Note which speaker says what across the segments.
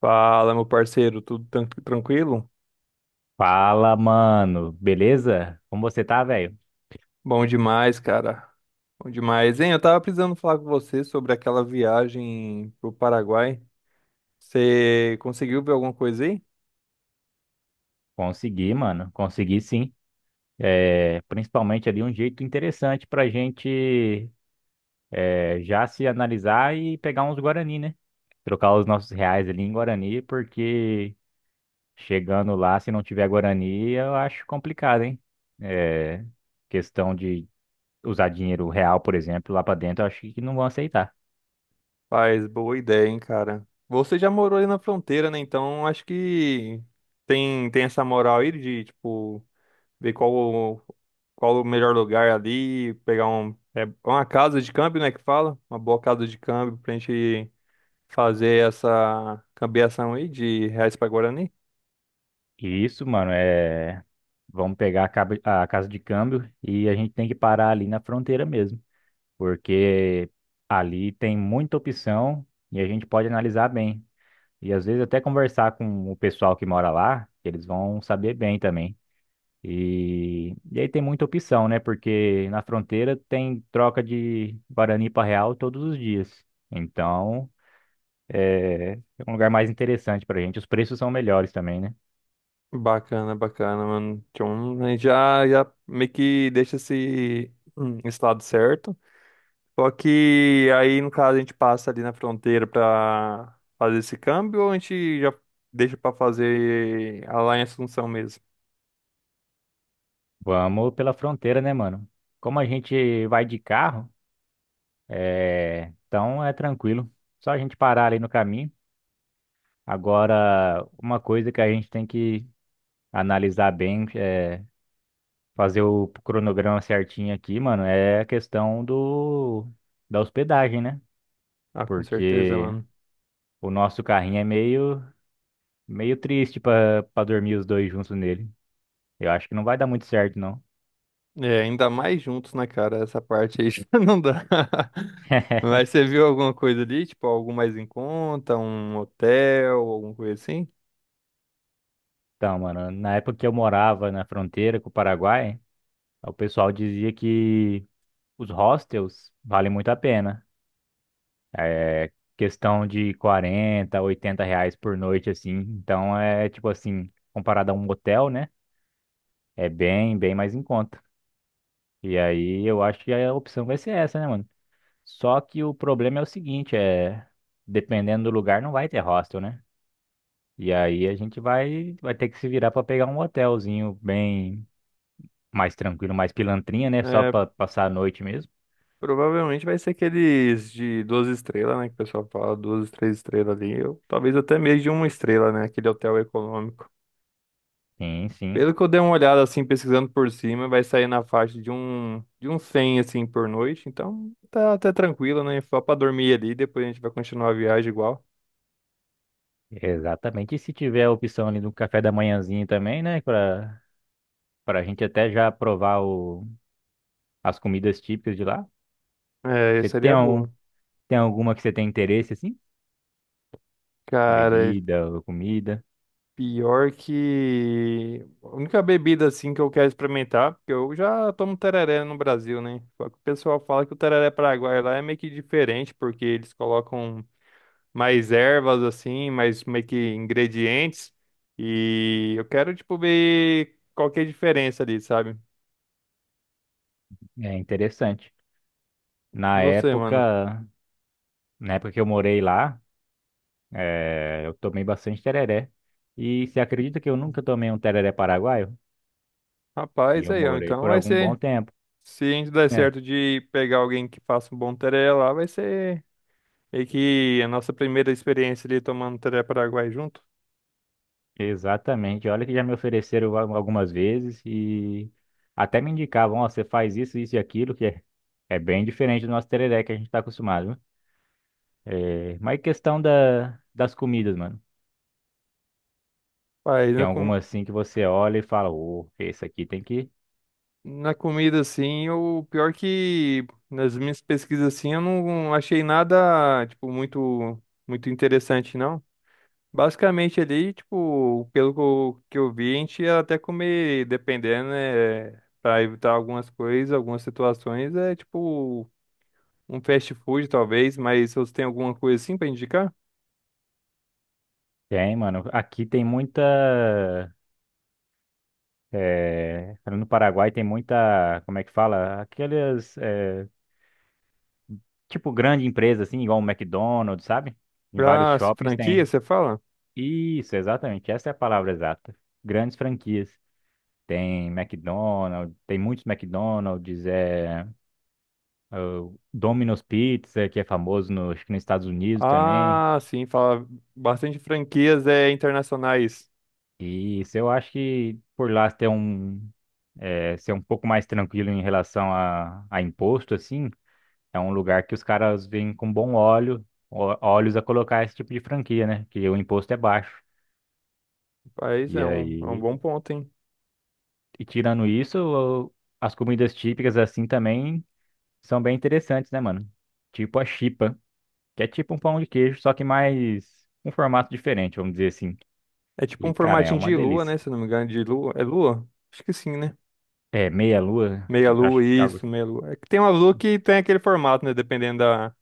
Speaker 1: Fala, meu parceiro, tudo tranquilo?
Speaker 2: Fala, mano. Beleza? Como você tá, velho?
Speaker 1: Bom demais, cara. Bom demais. Hein, eu tava precisando falar com você sobre aquela viagem pro Paraguai. Você conseguiu ver alguma coisa aí?
Speaker 2: Consegui, mano. Consegui sim. É, principalmente ali um jeito interessante pra gente já se analisar e pegar uns Guarani, né? Trocar os nossos reais ali em Guarani, porque chegando lá, se não tiver Guarani, eu acho complicado, hein? É, questão de usar dinheiro real, por exemplo, lá pra dentro, eu acho que não vão aceitar.
Speaker 1: Faz boa ideia, hein, cara. Você já morou aí na fronteira, né? Então acho que tem essa moral aí de, tipo, ver qual o melhor lugar ali, pegar um, uma casa de câmbio, né, que fala? Uma boa casa de câmbio pra gente fazer essa cambiação aí de reais pra Guarani.
Speaker 2: E isso, mano, é. Vamos pegar a casa de câmbio e a gente tem que parar ali na fronteira mesmo, porque ali tem muita opção e a gente pode analisar bem. E às vezes até conversar com o pessoal que mora lá, que eles vão saber bem também. E aí tem muita opção, né? Porque na fronteira tem troca de Guarani para Real todos os dias. Então é um lugar mais interessante pra gente. Os preços são melhores também, né?
Speaker 1: Bacana, bacana, mano. Então, a gente já meio que deixa esse, esse lado certo. Só que aí, no caso, a gente passa ali na fronteira pra fazer esse câmbio ou a gente já deixa pra fazer a lá em Assunção mesmo?
Speaker 2: Vamos pela fronteira, né, mano? Como a gente vai de carro. É, então é tranquilo. Só a gente parar ali no caminho. Agora, uma coisa que a gente tem que analisar bem, é fazer o cronograma certinho aqui, mano, é a questão do da hospedagem, né?
Speaker 1: Ah, com certeza,
Speaker 2: Porque
Speaker 1: mano.
Speaker 2: o nosso carrinho é meio triste pra para dormir os dois juntos nele. Eu acho que não vai dar muito certo, não.
Speaker 1: É, ainda mais juntos, né, cara? Essa parte aí já não dá. Mas você viu alguma coisa ali? Tipo, algo mais em conta? Um hotel, alguma coisa assim?
Speaker 2: Então, mano, na época que eu morava na fronteira com o Paraguai, o pessoal dizia que os hostels valem muito a pena. É questão de 40, 80 reais por noite, assim. Então é tipo assim, comparado a um motel, né? É bem, bem mais em conta. E aí eu acho que a opção vai ser essa, né, mano? Só que o problema é o seguinte, é dependendo do lugar não vai ter hostel, né? E aí a gente vai ter que se virar pra pegar um hotelzinho bem mais tranquilo, mais pilantrinha, né? Só
Speaker 1: É,
Speaker 2: pra passar a noite mesmo.
Speaker 1: provavelmente vai ser aqueles de duas estrelas, né? Que o pessoal fala duas, três estrelas ali. Ou, talvez até mesmo de uma estrela, né? Aquele hotel econômico.
Speaker 2: Sim, sim.
Speaker 1: Pelo que eu dei uma olhada, assim, pesquisando por cima, vai sair na faixa de um 100 assim, por noite. Então, tá até tranquilo, né? Só pra dormir ali, depois a gente vai continuar a viagem igual.
Speaker 2: Exatamente. E se tiver a opção ali do café da manhãzinho também, né? Pra Para a gente até já provar as comidas típicas de lá.
Speaker 1: É,
Speaker 2: Você
Speaker 1: seria
Speaker 2: tem, um,
Speaker 1: boa.
Speaker 2: Tem alguma que você tem interesse, assim?
Speaker 1: Cara,
Speaker 2: Bebida ou comida?
Speaker 1: pior que a única bebida assim que eu quero experimentar, porque eu já tomo tereré no Brasil, né? Só que o pessoal fala que o tereré paraguaio lá é meio que diferente, porque eles colocam mais ervas assim, mais meio que ingredientes. E eu quero tipo ver qual que é a diferença ali, sabe?
Speaker 2: É interessante.
Speaker 1: E
Speaker 2: Na
Speaker 1: você, mano?
Speaker 2: época, Na época que eu morei lá, eu tomei bastante tereré. E você acredita que eu nunca tomei um tereré paraguaio? E
Speaker 1: Rapaz,
Speaker 2: eu
Speaker 1: aí, ó,
Speaker 2: morei
Speaker 1: então
Speaker 2: por
Speaker 1: vai
Speaker 2: algum bom
Speaker 1: ser
Speaker 2: tempo.
Speaker 1: se a gente der
Speaker 2: É,
Speaker 1: certo de pegar alguém que faça um bom tereré lá, vai ser meio que a nossa primeira experiência ali tomando tereré paraguai junto.
Speaker 2: exatamente. Olha que já me ofereceram algumas vezes e até me indicavam, ó, você faz isso, isso e aquilo, que é, é bem diferente do nosso tereré que a gente está acostumado, né? É, mas é questão das comidas, mano.
Speaker 1: Pai,
Speaker 2: Tem alguma assim que você olha e fala, ô, esse aqui tem que.
Speaker 1: na comida, assim, o pior que nas minhas pesquisas, assim, eu não achei nada, tipo, muito, muito interessante, não. Basicamente ali, tipo, pelo que eu vi, a gente ia até comer, dependendo, né, pra evitar algumas coisas, algumas situações, é tipo um fast food, talvez, mas você tem alguma coisa assim pra indicar?
Speaker 2: Tem, mano. Aqui tem muita. É, no Paraguai tem muita. Como é que fala? Aquelas. Tipo, grande empresa, assim, igual o McDonald's, sabe? Em vários
Speaker 1: Pra
Speaker 2: shoppings
Speaker 1: franquia,
Speaker 2: tem.
Speaker 1: você fala?
Speaker 2: Isso, exatamente. Essa é a palavra exata. Grandes franquias. Tem McDonald's, tem muitos McDonald's, é, o Domino's Pizza, que é famoso no, acho que nos Estados Unidos também.
Speaker 1: Ah, sim, fala bastante franquias internacionais.
Speaker 2: E isso eu acho que por lá ter um, é, ser um pouco mais tranquilo em relação a imposto, assim, é um lugar que os caras vêm com bom olhos a colocar esse tipo de franquia, né? Que o imposto é baixo.
Speaker 1: Mas
Speaker 2: E
Speaker 1: é um
Speaker 2: aí,
Speaker 1: bom ponto, hein?
Speaker 2: e tirando isso, o- as comidas típicas assim também são bem interessantes, né, mano? Tipo a chipa, que é tipo um pão de queijo, só que mais um formato diferente, vamos dizer assim.
Speaker 1: É tipo
Speaker 2: E,
Speaker 1: um
Speaker 2: cara, é
Speaker 1: formatinho
Speaker 2: uma
Speaker 1: de lua,
Speaker 2: delícia.
Speaker 1: né? Se eu não me engano, de lua. É lua? Acho que sim, né?
Speaker 2: É, meia-lua,
Speaker 1: Meia lua,
Speaker 2: acho que é algo.
Speaker 1: isso, meia lua. É que tem uma lua que tem aquele formato, né? Dependendo da,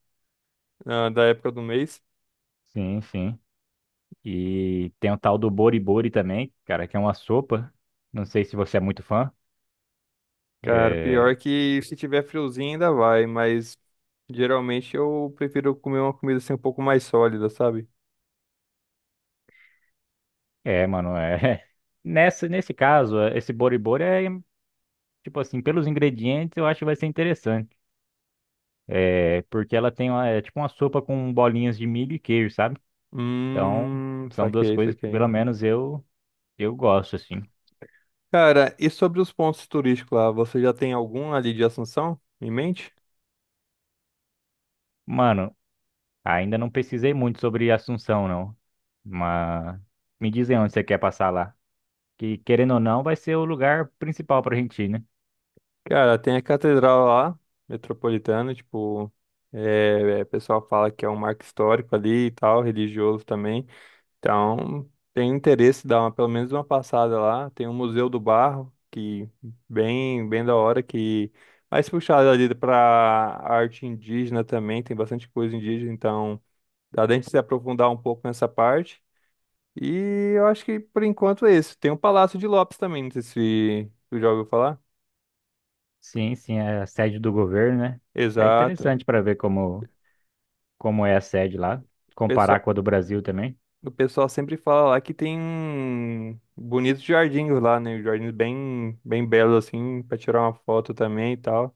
Speaker 1: da época do mês.
Speaker 2: Sim, sim. E tem o tal do boribori também, cara, que é uma sopa. Não sei se você é muito fã.
Speaker 1: Cara,
Speaker 2: É,
Speaker 1: pior que se tiver friozinho ainda vai, mas geralmente eu prefiro comer uma comida assim um pouco mais sólida, sabe?
Speaker 2: Mano, é. Nesse caso, esse boribori é, tipo assim, pelos ingredientes eu acho que vai ser interessante. É, porque ela tem uma, é tipo uma sopa com bolinhas de milho e queijo, sabe? Então, são duas
Speaker 1: Saquei,
Speaker 2: coisas que
Speaker 1: saquei.
Speaker 2: pelo menos eu gosto, assim.
Speaker 1: Cara, e sobre os pontos turísticos lá, você já tem algum ali de Assunção em mente?
Speaker 2: Mano, ainda não pesquisei muito sobre Assunção, não. Mas me dizem onde você quer passar lá, que querendo ou não, vai ser o lugar principal para a Argentina.
Speaker 1: Cara, tem a catedral lá, metropolitana, tipo, o pessoal fala que é um marco histórico ali e tal, religioso também. Então, tem interesse em dar uma, pelo menos uma passada lá. Tem o Museu do Barro, que bem, bem da hora, que mais puxado ali para arte indígena também, tem bastante coisa indígena, então dá pra gente se aprofundar um pouco nessa parte. E eu acho que por enquanto é esse. Tem o Palácio de Lopes também, não sei se tu já ouviu falar.
Speaker 2: Sim, sim, é a sede do governo, né? É
Speaker 1: Exato.
Speaker 2: interessante para ver como é a sede lá,
Speaker 1: O
Speaker 2: comparar
Speaker 1: pessoal,
Speaker 2: com a do Brasil também.
Speaker 1: o pessoal sempre fala lá que tem bonitos jardins lá, né? Jardins bem, bem belos, assim, pra tirar uma foto também e tal.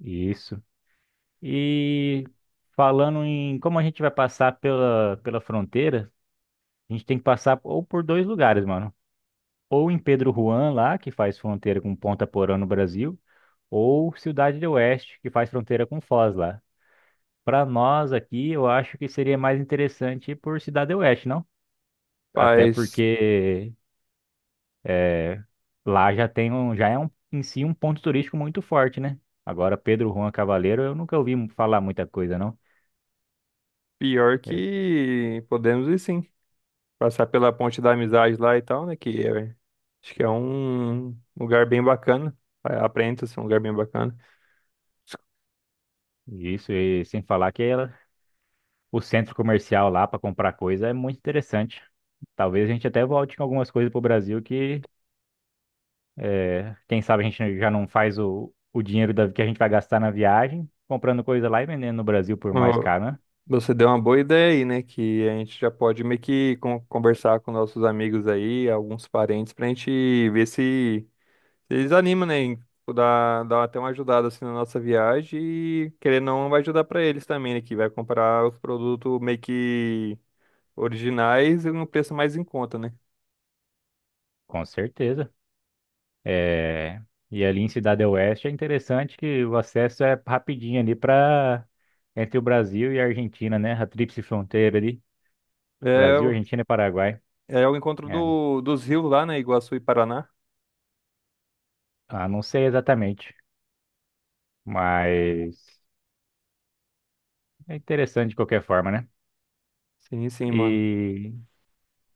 Speaker 2: Isso. E falando em como a gente vai passar pela fronteira, a gente tem que passar ou por dois lugares, mano. Ou em Pedro Juan, lá, que faz fronteira com Ponta Porã no Brasil, ou Cidade do Oeste, que faz fronteira com Foz lá. Para nós aqui, eu acho que seria mais interessante ir por Cidade do Oeste, não? Até
Speaker 1: Mas
Speaker 2: porque é, lá já tem um, já é um, em si um ponto turístico muito forte, né? Agora, Pedro Juan Cavaleiro, eu nunca ouvi falar muita coisa, não.
Speaker 1: pior
Speaker 2: É,
Speaker 1: que podemos ir sim. Passar pela Ponte da Amizade lá e tal, né? Acho que é um lugar bem bacana. É, aparenta ser um lugar bem bacana.
Speaker 2: isso, e sem falar que o centro comercial lá para comprar coisa é muito interessante. Talvez a gente até volte com algumas coisas para o Brasil que, é, quem sabe a gente já não faz o dinheiro que a gente vai gastar na viagem comprando coisa lá e vendendo no Brasil por mais caro, né?
Speaker 1: Você deu uma boa ideia aí, né? Que a gente já pode meio que conversar com nossos amigos aí, alguns parentes, pra gente ver se, se eles animam, né? Em tipo, dar até uma ajudada assim na nossa viagem e querendo ou não vai ajudar pra eles também, né? Que vai comprar os produtos meio que originais e um preço mais em conta, né?
Speaker 2: Com certeza. É, e ali em Cidade Oeste é interessante que o acesso é rapidinho ali para entre o Brasil e a Argentina, né? A tríplice fronteira ali,
Speaker 1: É,
Speaker 2: Brasil,
Speaker 1: o-
Speaker 2: Argentina e Paraguai.
Speaker 1: É o encontro
Speaker 2: É,
Speaker 1: do, dos rios lá, né? Iguaçu e Paraná.
Speaker 2: ah, não sei exatamente, mas é interessante de qualquer forma, né?
Speaker 1: Sim, sim, mano.
Speaker 2: E,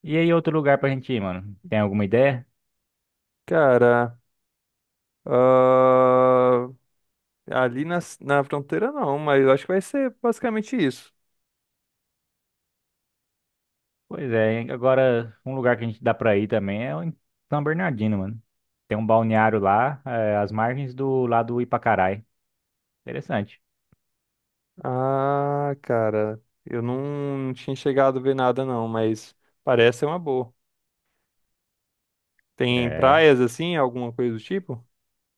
Speaker 2: e aí outro lugar pra gente ir, mano? Tem alguma ideia?
Speaker 1: Cara, ah, ali na fronteira não, mas eu acho que vai ser basicamente isso.
Speaker 2: Pois é, hein? Agora um lugar que a gente dá pra ir também é o em São Bernardino, mano. Tem um balneário lá, às margens do lado do Ipacarai. Interessante.
Speaker 1: Ah, cara, eu não, não tinha chegado a ver nada não, mas parece ser uma boa. Tem
Speaker 2: É.
Speaker 1: praias assim, alguma coisa do tipo?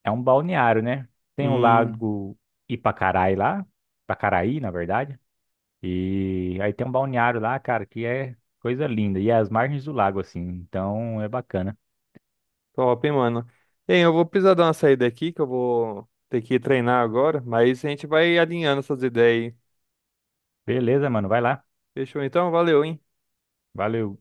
Speaker 2: É um balneário, né? Tem o
Speaker 1: Hum,
Speaker 2: lago Ipacarai lá, Ipacaraí, na verdade. E aí tem um balneário lá, cara, que é coisa linda. E é as margens do lago, assim. Então é bacana.
Speaker 1: top, hein, mano. Bem, eu vou precisar dar uma saída aqui, que eu vou ter que ir treinar agora, mas a gente vai alinhando essas ideias aí.
Speaker 2: Beleza, mano, vai lá.
Speaker 1: Fechou então? Valeu, hein?
Speaker 2: Valeu.